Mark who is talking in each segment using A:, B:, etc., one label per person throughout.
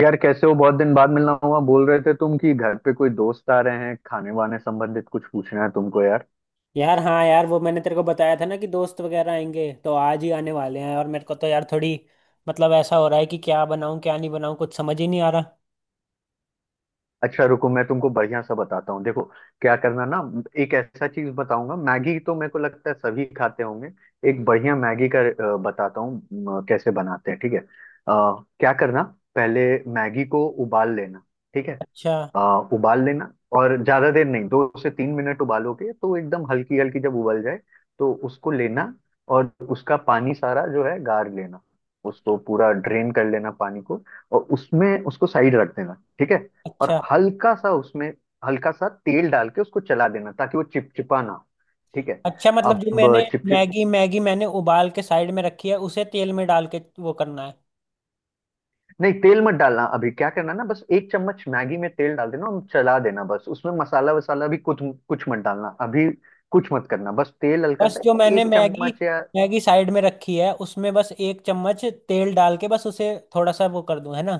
A: यार कैसे हो। बहुत दिन बाद मिलना हुआ। बोल रहे थे तुम कि घर पे कोई दोस्त आ रहे हैं। खाने वाने संबंधित कुछ पूछना है तुमको यार?
B: यार, हाँ यार, वो मैंने तेरे को बताया था ना कि दोस्त वगैरह आएंगे तो आज ही आने वाले हैं। और मेरे को तो यार थोड़ी, मतलब ऐसा हो रहा है कि क्या बनाऊं क्या नहीं बनाऊं, कुछ समझ ही नहीं आ रहा।
A: अच्छा रुको, मैं तुमको बढ़िया सा बताता हूँ। देखो क्या करना ना, एक ऐसा चीज बताऊंगा। मैगी तो मेरे को लगता है सभी खाते होंगे। एक बढ़िया मैगी का बताता हूँ कैसे बनाते हैं, ठीक है। क्या करना पहले, मैगी को उबाल लेना। ठीक है।
B: अच्छा।
A: उबाल लेना और ज्यादा देर नहीं, 2 से 3 मिनट उबालोगे तो एकदम हल्की हल्की जब उबल जाए, तो उसको लेना और उसका पानी सारा जो है गार लेना। उसको पूरा ड्रेन कर लेना पानी को, और उसमें उसको साइड रख देना, ठीक है। और
B: अच्छा।
A: हल्का सा उसमें, हल्का सा तेल डाल के उसको चला देना, ताकि वो चिपचिपा ना हो। ठीक है।
B: अच्छा, मतलब
A: अब
B: जो मैंने
A: चिपचिप
B: मैगी मैगी मैंने उबाल के साइड में रखी है, उसे तेल में डाल के वो करना है?
A: नहीं, तेल मत डालना अभी। क्या करना ना, बस 1 चम्मच मैगी में तेल डाल देना और चला देना बस। उसमें मसाला वसाला भी कुछ कुछ मत डालना अभी। कुछ मत करना, बस तेल हल्का
B: बस
A: सा,
B: जो मैंने
A: एक
B: मैगी
A: चम्मच या
B: मैगी साइड में रखी है, उसमें बस एक चम्मच तेल डाल के बस उसे थोड़ा सा वो कर दूं, है ना?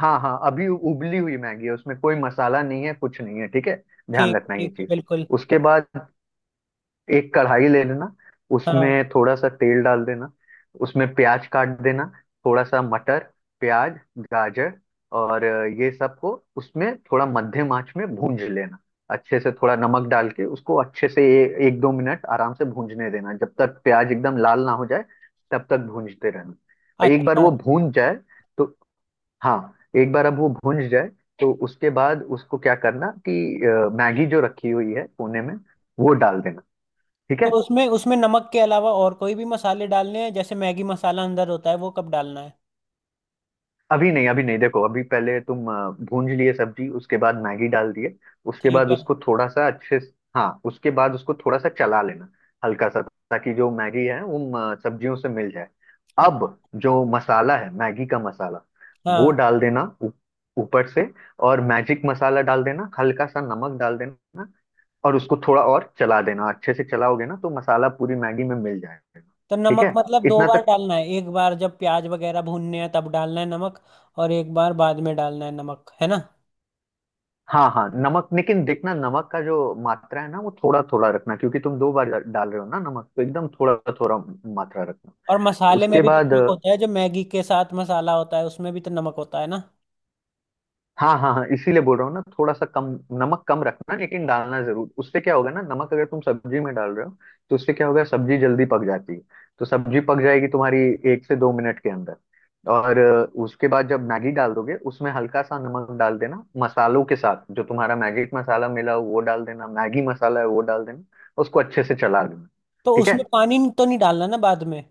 A: हाँ, हाँ, अभी उबली हुई मैगी है, उसमें कोई मसाला नहीं है, कुछ नहीं है, ठीक है। ध्यान
B: ठीक
A: रखना ये
B: ठीक है
A: चीज।
B: बिल्कुल।
A: उसके बाद एक कढ़ाई ले लेना,
B: हाँ।
A: उसमें थोड़ा सा तेल डाल देना। उसमें प्याज काट देना, थोड़ा सा मटर, प्याज, गाजर और ये सबको उसमें थोड़ा मध्यम आंच में भूंज लेना अच्छे से। थोड़ा नमक डाल के उसको अच्छे से, 1 2 मिनट आराम से भूंजने देना। जब तक प्याज एकदम लाल ना हो जाए, तब तक भूंजते रहना। एक बार
B: अच्छा,
A: वो भूंज जाए तो, हाँ, एक बार अब वो भूंज जाए तो उसके बाद उसको क्या करना कि मैगी जो रखी हुई है कोने में, वो डाल देना। ठीक है।
B: तो उसमें उसमें नमक के अलावा और कोई भी मसाले डालने हैं? जैसे मैगी मसाला अंदर होता है वो कब डालना है?
A: अभी नहीं, अभी नहीं, देखो, अभी पहले तुम भूंज लिए सब्जी, उसके बाद मैगी डाल दिए। उसके
B: ठीक
A: बाद
B: है।
A: उसको थोड़ा सा हाँ, उसके बाद उसको थोड़ा सा चला लेना, हल्का सा, ताकि जो मैगी है वो सब्जियों से मिल जाए।
B: अच्छा।
A: अब जो मसाला है, मैगी का मसाला, वो
B: हाँ।
A: डाल देना ऊपर से। और मैजिक मसाला डाल देना, हल्का सा नमक डाल देना, और उसको थोड़ा और चला देना। अच्छे से चलाओगे ना, तो मसाला पूरी मैगी में मिल जाएगा।
B: तो
A: ठीक
B: नमक
A: है,
B: मतलब दो
A: इतना
B: बार
A: तक।
B: डालना है, एक बार जब प्याज वगैरह भूनने हैं तब डालना है नमक, और एक बार बाद में डालना है नमक, है ना?
A: हाँ, हाँ, नमक लेकिन देखना, नमक का जो मात्रा है ना, वो थोड़ा थोड़ा रखना, क्योंकि तुम दो बार डाल रहे हो ना नमक, तो एकदम थोड़ा थोड़ा मात्रा रखना।
B: और मसाले में
A: उसके
B: भी तो
A: बाद,
B: नमक होता है, जो मैगी के साथ मसाला होता है उसमें भी तो नमक होता है ना?
A: हाँ हाँ हाँ, इसीलिए बोल रहा हूँ ना थोड़ा सा कम। नमक कम रखना लेकिन डालना जरूर। उससे क्या होगा ना, नमक अगर तुम सब्जी में डाल रहे हो तो उससे क्या होगा, सब्जी जल्दी पक जाती है। तो सब्जी पक जाएगी तुम्हारी 1 से 2 मिनट के अंदर। और उसके बाद जब मैगी डाल दोगे, उसमें हल्का सा नमक डाल देना, मसालों के साथ जो तुम्हारा मैगी मसाला मिला हो वो डाल देना। मैगी मसाला है वो डाल देना, उसको अच्छे से चला देना।
B: तो
A: ठीक
B: उसमें
A: है।
B: पानी तो नहीं डालना ना बाद में?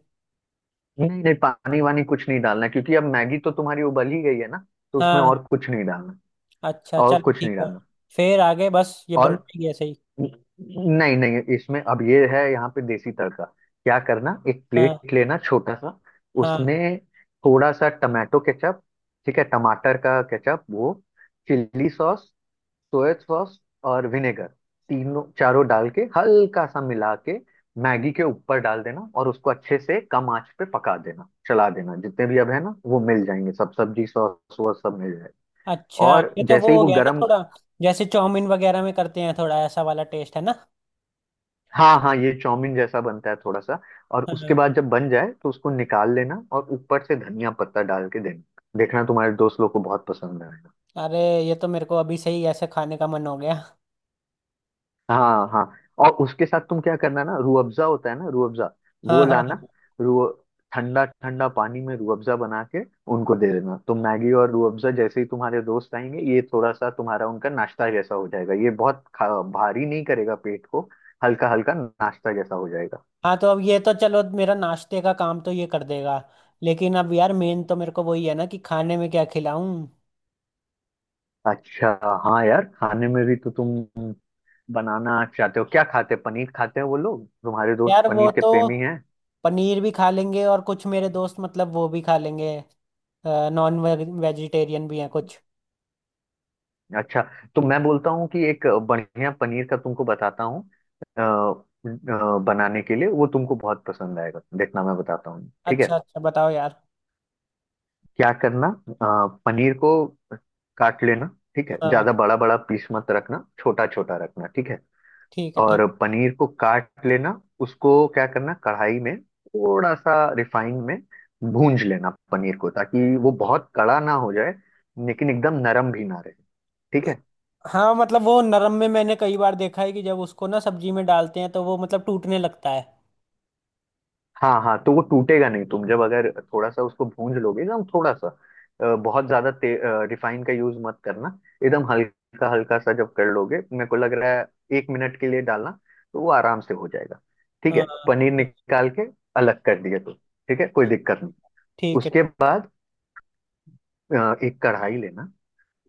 A: नहीं नहीं, पानी वानी कुछ नहीं डालना, क्योंकि अब मैगी तो तुम्हारी उबल ही गई है ना, तो उसमें
B: हाँ।
A: और कुछ नहीं डालना।
B: अच्छा
A: और
B: चलो,
A: कुछ
B: ठीक
A: नहीं
B: है।
A: डालना।
B: फिर आगे? बस ये बन
A: और
B: गई ऐसे ही?
A: नहीं नहीं, इसमें अब ये है, यहाँ पे देसी तड़का। क्या करना, एक
B: हाँ,
A: प्लेट लेना छोटा सा,
B: हाँ।
A: उसमें थोड़ा सा टमाटो केचप, ठीक है, टमाटर का केचप वो, चिल्ली सॉस, सोया सॉस, और विनेगर, तीनों चारों डाल के हल्का सा मिला के मैगी के ऊपर डाल देना। और उसको अच्छे से कम आंच पे पका देना, चला देना। जितने भी अब है ना वो मिल जाएंगे सब, सब्जी, सॉस वॉस सब मिल जाएगा।
B: अच्छा,
A: और
B: ये तो वो
A: जैसे ही
B: हो
A: वो
B: गया ना
A: गरम,
B: थोड़ा, जैसे चाउमीन वगैरह में करते हैं, थोड़ा ऐसा वाला टेस्ट है ना?
A: हाँ हाँ, ये चाउमीन जैसा बनता है थोड़ा सा। और
B: हाँ।
A: उसके बाद जब बन जाए, तो उसको निकाल लेना और ऊपर से धनिया पत्ता डाल के देना। देखना, तुम्हारे दोस्त लोग को बहुत पसंद आएगा।
B: अरे, ये तो मेरे को अभी से ही ऐसे खाने का मन हो गया।
A: हाँ हाँ। और उसके साथ तुम क्या करना ना, रूह अफ़ज़ा होता है ना, रूह अफ़ज़ा वो
B: हाँ, हाँ,
A: लाना।
B: हाँ,
A: रूह, ठंडा ठंडा पानी में रूह अफ़ज़ा बना के उनको दे देना। तो मैगी और रूह अफ़ज़ा, जैसे ही तुम्हारे दोस्त आएंगे, ये थोड़ा सा तुम्हारा उनका नाश्ता जैसा हो जाएगा। ये बहुत भारी नहीं करेगा पेट को, हल्का हल्का नाश्ता जैसा हो जाएगा।
B: हाँ। तो अब ये तो चलो, मेरा नाश्ते का काम तो ये कर देगा। लेकिन अब यार मेन तो मेरे को वही है ना कि खाने में क्या खिलाऊं।
A: अच्छा, हाँ यार, खाने में भी तो तुम बनाना चाहते हो, क्या खाते हैं, पनीर खाते हैं वो लोग? तुम्हारे दोस्त
B: यार वो
A: पनीर के
B: तो
A: प्रेमी हैं?
B: पनीर भी खा लेंगे, और कुछ मेरे दोस्त मतलब वो भी खा लेंगे, नॉन वेजिटेरियन भी हैं कुछ।
A: अच्छा, तो मैं बोलता हूँ कि एक बढ़िया पनीर का तुमको बताता हूँ बनाने के लिए। वो तुमको बहुत पसंद आएगा, देखना। मैं बताता हूँ, ठीक है।
B: अच्छा, अच्छा, बताओ यार।
A: क्या करना, पनीर को काट लेना, ठीक है।
B: हाँ।
A: ज्यादा बड़ा बड़ा पीस मत रखना, छोटा छोटा रखना, ठीक है।
B: ठीक है, ठीक।
A: और पनीर को काट लेना, उसको क्या करना, कढ़ाई में थोड़ा सा रिफाइंड में भूंज लेना पनीर को, ताकि वो बहुत कड़ा ना हो जाए, लेकिन एकदम नरम भी ना रहे, ठीक है।
B: हाँ, मतलब वो नरम में मैंने कई बार देखा है कि जब उसको ना सब्जी में डालते हैं तो वो मतलब टूटने लगता है।
A: हाँ हाँ, तो वो टूटेगा नहीं। तुम जब अगर थोड़ा सा उसको भूंज लोगे एकदम थोड़ा सा, बहुत ज्यादा रिफाइन का यूज मत करना। एकदम हल्का हल्का सा जब कर लोगे, मेरे को लग रहा है 1 मिनट के लिए डालना, तो वो आराम से हो जाएगा, ठीक है।
B: हाँ।
A: पनीर निकाल के अलग कर दिया तो ठीक है, कोई दिक्कत नहीं।
B: ठीक है।
A: उसके बाद एक कढ़ाई लेना,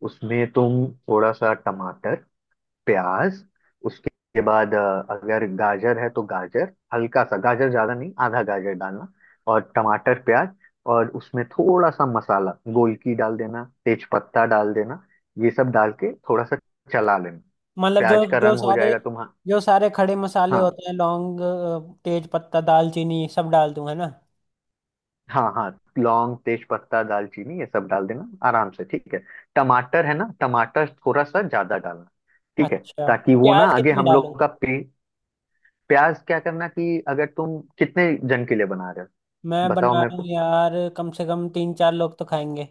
A: उसमें तुम थोड़ा सा टमाटर, प्याज, उसके बाद अगर गाजर है तो गाजर हल्का सा, गाजर ज्यादा नहीं, आधा गाजर डालना, और टमाटर, प्याज। और उसमें थोड़ा सा मसाला गोलकी डाल देना, तेज पत्ता डाल देना। ये सब डाल के थोड़ा सा चला लेना,
B: मतलब जो
A: प्याज का रंग हो जाएगा तुम।
B: जो सारे खड़े मसाले
A: हाँ
B: होते हैं, लौंग, तेज पत्ता, दालचीनी, सब डाल दूं है ना?
A: हाँ हाँ, लौंग, तेज पत्ता, दालचीनी, ये सब डाल देना आराम से, ठीक है। टमाटर है ना, टमाटर थोड़ा सा ज्यादा डालना, ठीक है,
B: अच्छा।
A: ताकि वो ना
B: प्याज
A: आगे
B: कितने
A: हम
B: डालूं?
A: लोग का प्याज क्या करना कि, अगर तुम कितने जन के लिए बना रहे हो
B: मैं
A: बताओ
B: बना
A: मेरे
B: रहा हूँ
A: को।
B: यार, कम से कम तीन चार लोग तो खाएंगे।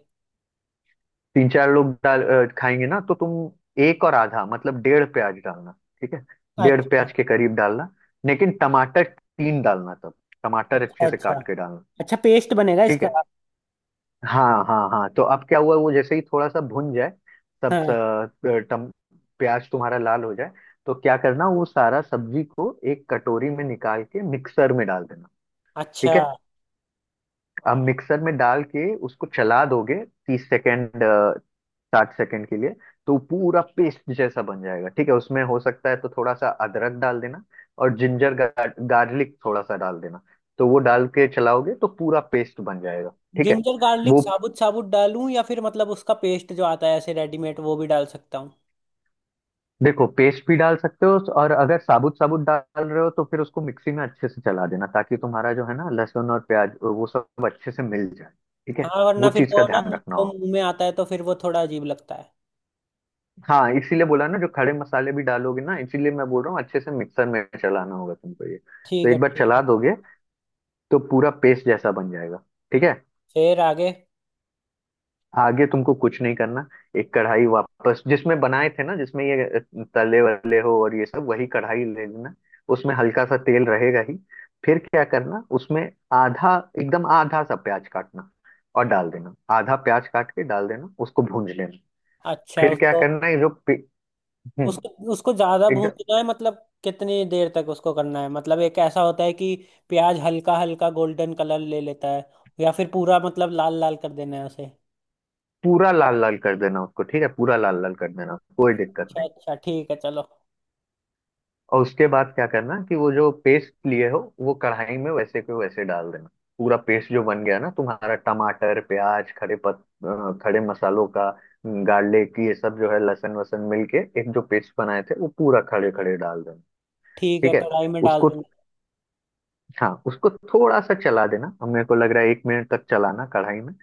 A: तीन चार लोग खाएंगे ना, तो तुम एक और आधा, मतलब डेढ़ प्याज डालना, ठीक है। डेढ़
B: अच्छा,
A: प्याज के करीब डालना, लेकिन टमाटर तीन डालना तब। टमाटर
B: अच्छा।
A: अच्छे से
B: अच्छा,
A: काट के डालना।
B: अच्छा, पेस्ट बनेगा
A: ठीक
B: इसका?
A: है। हाँ हाँ हाँ, तो अब क्या हुआ, वो जैसे ही थोड़ा सा भुन जाए, सब
B: हाँ।
A: स- टम, प्याज तुम्हारा लाल हो जाए, तो क्या करना, वो सारा सब्जी को एक कटोरी में निकाल के मिक्सर में डाल देना,
B: अच्छा।
A: ठीक है। अब मिक्सर में डाल के उसको चला दोगे 30 सेकेंड, 60 सेकेंड के लिए, तो पूरा पेस्ट जैसा बन जाएगा, ठीक है। उसमें हो सकता है तो थोड़ा सा अदरक डाल देना और जिंजर गार्लिक थोड़ा सा डाल देना, तो वो डाल के चलाओगे तो पूरा पेस्ट बन जाएगा, ठीक है।
B: जिंजर गार्लिक
A: वो
B: साबुत साबुत डालूं या फिर मतलब उसका पेस्ट जो आता है ऐसे रेडीमेड वो भी डाल सकता हूँ?
A: देखो, पेस्ट भी डाल सकते हो, और अगर साबुत साबुत डाल रहे हो तो फिर उसको मिक्सी में अच्छे से चला देना, ताकि तुम्हारा जो है ना, लहसुन और प्याज वो सब अच्छे से मिल जाए। ठीक है,
B: हाँ, वरना
A: वो
B: फिर
A: चीज का
B: वो ना
A: ध्यान
B: मुंह,
A: रखना
B: वो
A: हो।
B: मुंह में आता है तो फिर वो थोड़ा अजीब लगता है।
A: हाँ, इसीलिए बोला ना, जो खड़े मसाले भी डालोगे ना, इसीलिए मैं बोल रहा हूँ अच्छे से मिक्सर में चलाना होगा तुमको। ये तो
B: ठीक है,
A: एक बार
B: ठीक है।
A: चला दोगे तो पूरा पेस्ट जैसा बन जाएगा, ठीक है।
B: फिर आगे?
A: आगे तुमको कुछ नहीं करना। एक कढ़ाई वापस जिसमें बनाए थे ना, जिसमें ये तले वले हो और ये सब, वही कढ़ाई ले लेना। उसमें हल्का सा तेल रहेगा ही। फिर क्या करना, उसमें आधा, एकदम आधा सा प्याज काटना और डाल देना, आधा प्याज काट के डाल देना, उसको भूंज लेना।
B: अच्छा,
A: फिर क्या
B: उसको
A: करना है, हम्म
B: उसको उसको ज्यादा
A: एकदम
B: भूनना है मतलब कितनी देर तक उसको करना है? मतलब एक ऐसा होता है कि प्याज हल्का हल्का गोल्डन कलर ले लेता है, या फिर पूरा मतलब लाल लाल कर देना है उसे?
A: पूरा लाल लाल कर देना उसको, ठीक है, पूरा लाल लाल कर देना, कोई दिक्कत
B: अच्छा,
A: नहीं।
B: अच्छा, ठीक है चलो।
A: और उसके बाद क्या करना कि वो जो पेस्ट लिए हो, वो कढ़ाई में वैसे के वैसे डाल देना। पूरा पेस्ट जो बन गया ना तुम्हारा, टमाटर, प्याज, खड़े मसालों का, गार्लिक, ये सब जो है, लहसुन वसन मिलके एक जो पेस्ट बनाए थे, वो पूरा खड़े खड़े डाल देना,
B: ठीक है,
A: ठीक है।
B: कढ़ाई में डाल
A: उसको,
B: दूंगा।
A: हाँ, उसको थोड़ा सा चला देना। अब मेरे को लग रहा है एक मिनट तक चलाना कढ़ाई में।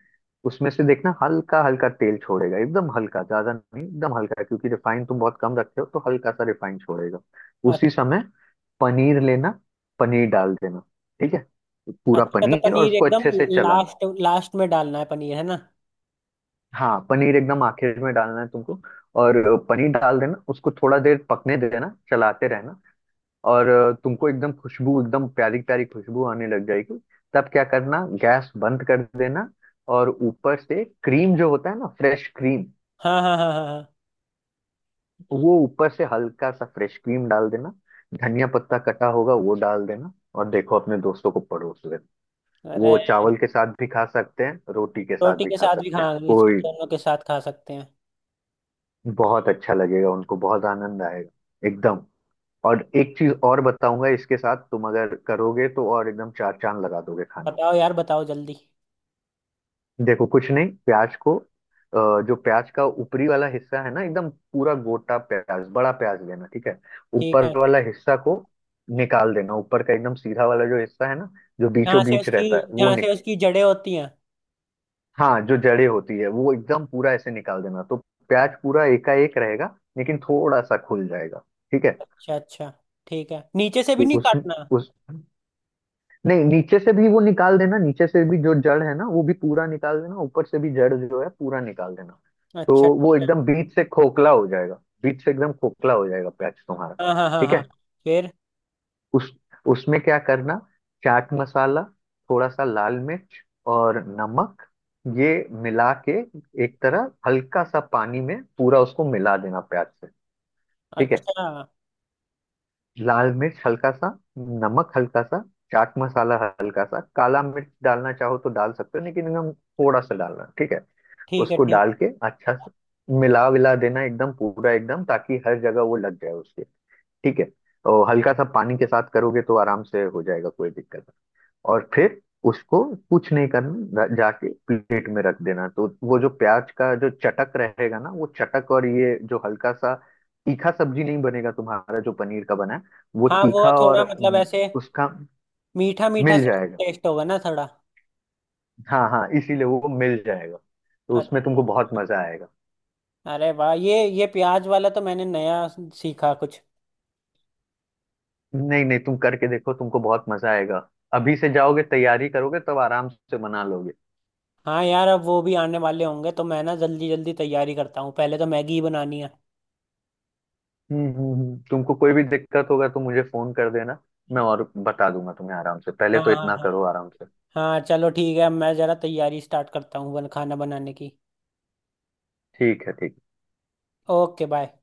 A: उसमें से देखना हल्का हल्का तेल छोड़ेगा, एकदम हल्का, ज्यादा नहीं, एकदम हल्का, क्योंकि रिफाइन तुम बहुत कम रखते हो, तो हल्का सा रिफाइन छोड़ेगा।
B: अच-
A: उसी समय पनीर लेना, पनीर डाल देना, ठीक है, पूरा
B: अच्छा, तो
A: पनीर, और
B: पनीर
A: उसको
B: एकदम
A: अच्छे से चलाना।
B: लास्ट लास्ट में डालना है पनीर, है ना?
A: हाँ, पनीर एकदम आखिर में डालना है तुमको। और पनीर डाल देना, उसको थोड़ा देर पकने देना, चलाते रहना। और तुमको एकदम खुशबू, एकदम प्यारी प्यारी खुशबू आने लग जाएगी। तब क्या करना, गैस बंद कर देना। और ऊपर से क्रीम जो होता है ना, फ्रेश क्रीम,
B: हाँ, हाँ, हाँ, हाँ।
A: तो वो ऊपर से हल्का सा फ्रेश क्रीम डाल देना। धनिया पत्ता कटा होगा वो डाल देना, और देखो, अपने दोस्तों को परोस देना।
B: हाँ, अरे,
A: वो चावल के साथ भी खा सकते हैं, रोटी के साथ
B: रोटी
A: भी
B: के
A: खा
B: साथ भी
A: सकते
B: खा,
A: हैं
B: इसको
A: कोई।
B: दोनों के साथ खा सकते हैं।
A: बहुत अच्छा लगेगा उनको, बहुत आनंद आएगा एकदम। और एक चीज और बताऊंगा, इसके साथ तुम अगर करोगे तो और एकदम चार चांद लगा दोगे खाना।
B: बताओ यार, बताओ जल्दी।
A: देखो कुछ नहीं, प्याज को जो प्याज का ऊपरी वाला हिस्सा है ना, एकदम पूरा गोटा प्याज, बड़ा प्याज लेना, ठीक है।
B: ठीक
A: ऊपर
B: है।
A: वाला हिस्सा को निकाल देना, ऊपर का एकदम सीधा वाला जो हिस्सा है ना, जो
B: जहाँ
A: बीचों
B: से
A: बीच
B: उसकी
A: रहता है, वो
B: जहाँ से
A: निक
B: उसकी जड़ें होती हैं?
A: हाँ, जो जड़ें होती है वो एकदम पूरा ऐसे निकाल देना, तो प्याज पूरा एकाएक रहेगा लेकिन थोड़ा सा खुल जाएगा, ठीक है।
B: अच्छा, अच्छा। ठीक है, नीचे से भी नहीं
A: उस
B: काटना?
A: उस नहीं, नीचे से भी वो निकाल देना, नीचे से भी जो जड़ है ना वो भी पूरा निकाल देना, ऊपर से भी जड़ जो है पूरा निकाल देना, तो
B: अच्छा,
A: वो
B: ठीक है।
A: एकदम बीच से खोखला हो जाएगा। बीच से एकदम खोखला हो जाएगा प्याज तुम्हारा,
B: हाँ, हाँ, हाँ,
A: ठीक
B: हाँ।
A: है।
B: फिर?
A: उस उसमें क्या करना, चाट मसाला, थोड़ा सा लाल मिर्च, और नमक, ये मिला के, एक तरह हल्का सा पानी में पूरा उसको मिला देना प्याज से, ठीक है।
B: अच्छा,
A: लाल मिर्च हल्का सा, नमक हल्का सा, चाट मसाला, हल्का सा काला मिर्च डालना चाहो तो डाल सकते हो, लेकिन एकदम थोड़ा सा डालना, ठीक है।
B: ठीक है,
A: उसको
B: ठीक।
A: डाल के अच्छा से मिला विला देना एकदम पूरा, एकदम, ताकि हर जगह वो लग जाए उसके, ठीक है। और हल्का सा पानी के साथ करोगे तो आराम से हो जाएगा, कोई दिक्कत। और फिर उसको कुछ नहीं करना, जाके प्लेट में रख देना, तो वो जो प्याज का जो चटक रहेगा ना, वो चटक, और ये जो हल्का सा तीखा सब्जी नहीं बनेगा तुम्हारा जो पनीर का बना है, वो
B: हाँ, वो
A: तीखा, और
B: थोड़ा मतलब ऐसे
A: उसका
B: मीठा मीठा
A: मिल
B: सा
A: जाएगा।
B: टेस्ट होगा ना थोड़ा?
A: हाँ हाँ, इसीलिए वो मिल जाएगा, तो
B: अच्छा।
A: उसमें तुमको बहुत मजा आएगा।
B: अरे वाह, ये प्याज वाला तो मैंने नया सीखा कुछ।
A: नहीं नहीं, तुम करके देखो, तुमको बहुत मजा आएगा। अभी से जाओगे तैयारी करोगे, तब आराम से बना लोगे।
B: हाँ यार, अब वो भी आने वाले होंगे तो मैं ना जल्दी जल्दी तैयारी करता हूँ, पहले तो मैगी ही बनानी है।
A: तुमको कोई भी दिक्कत होगा तो मुझे फोन कर देना, मैं और बता दूंगा तुम्हें आराम से। पहले
B: हाँ,
A: तो
B: हाँ,
A: इतना
B: हाँ।
A: करो आराम से,
B: हाँ चलो, ठीक है, मैं ज़रा तैयारी स्टार्ट करता हूँ बन खाना बनाने की।
A: ठीक है ठीक।
B: Okay bye.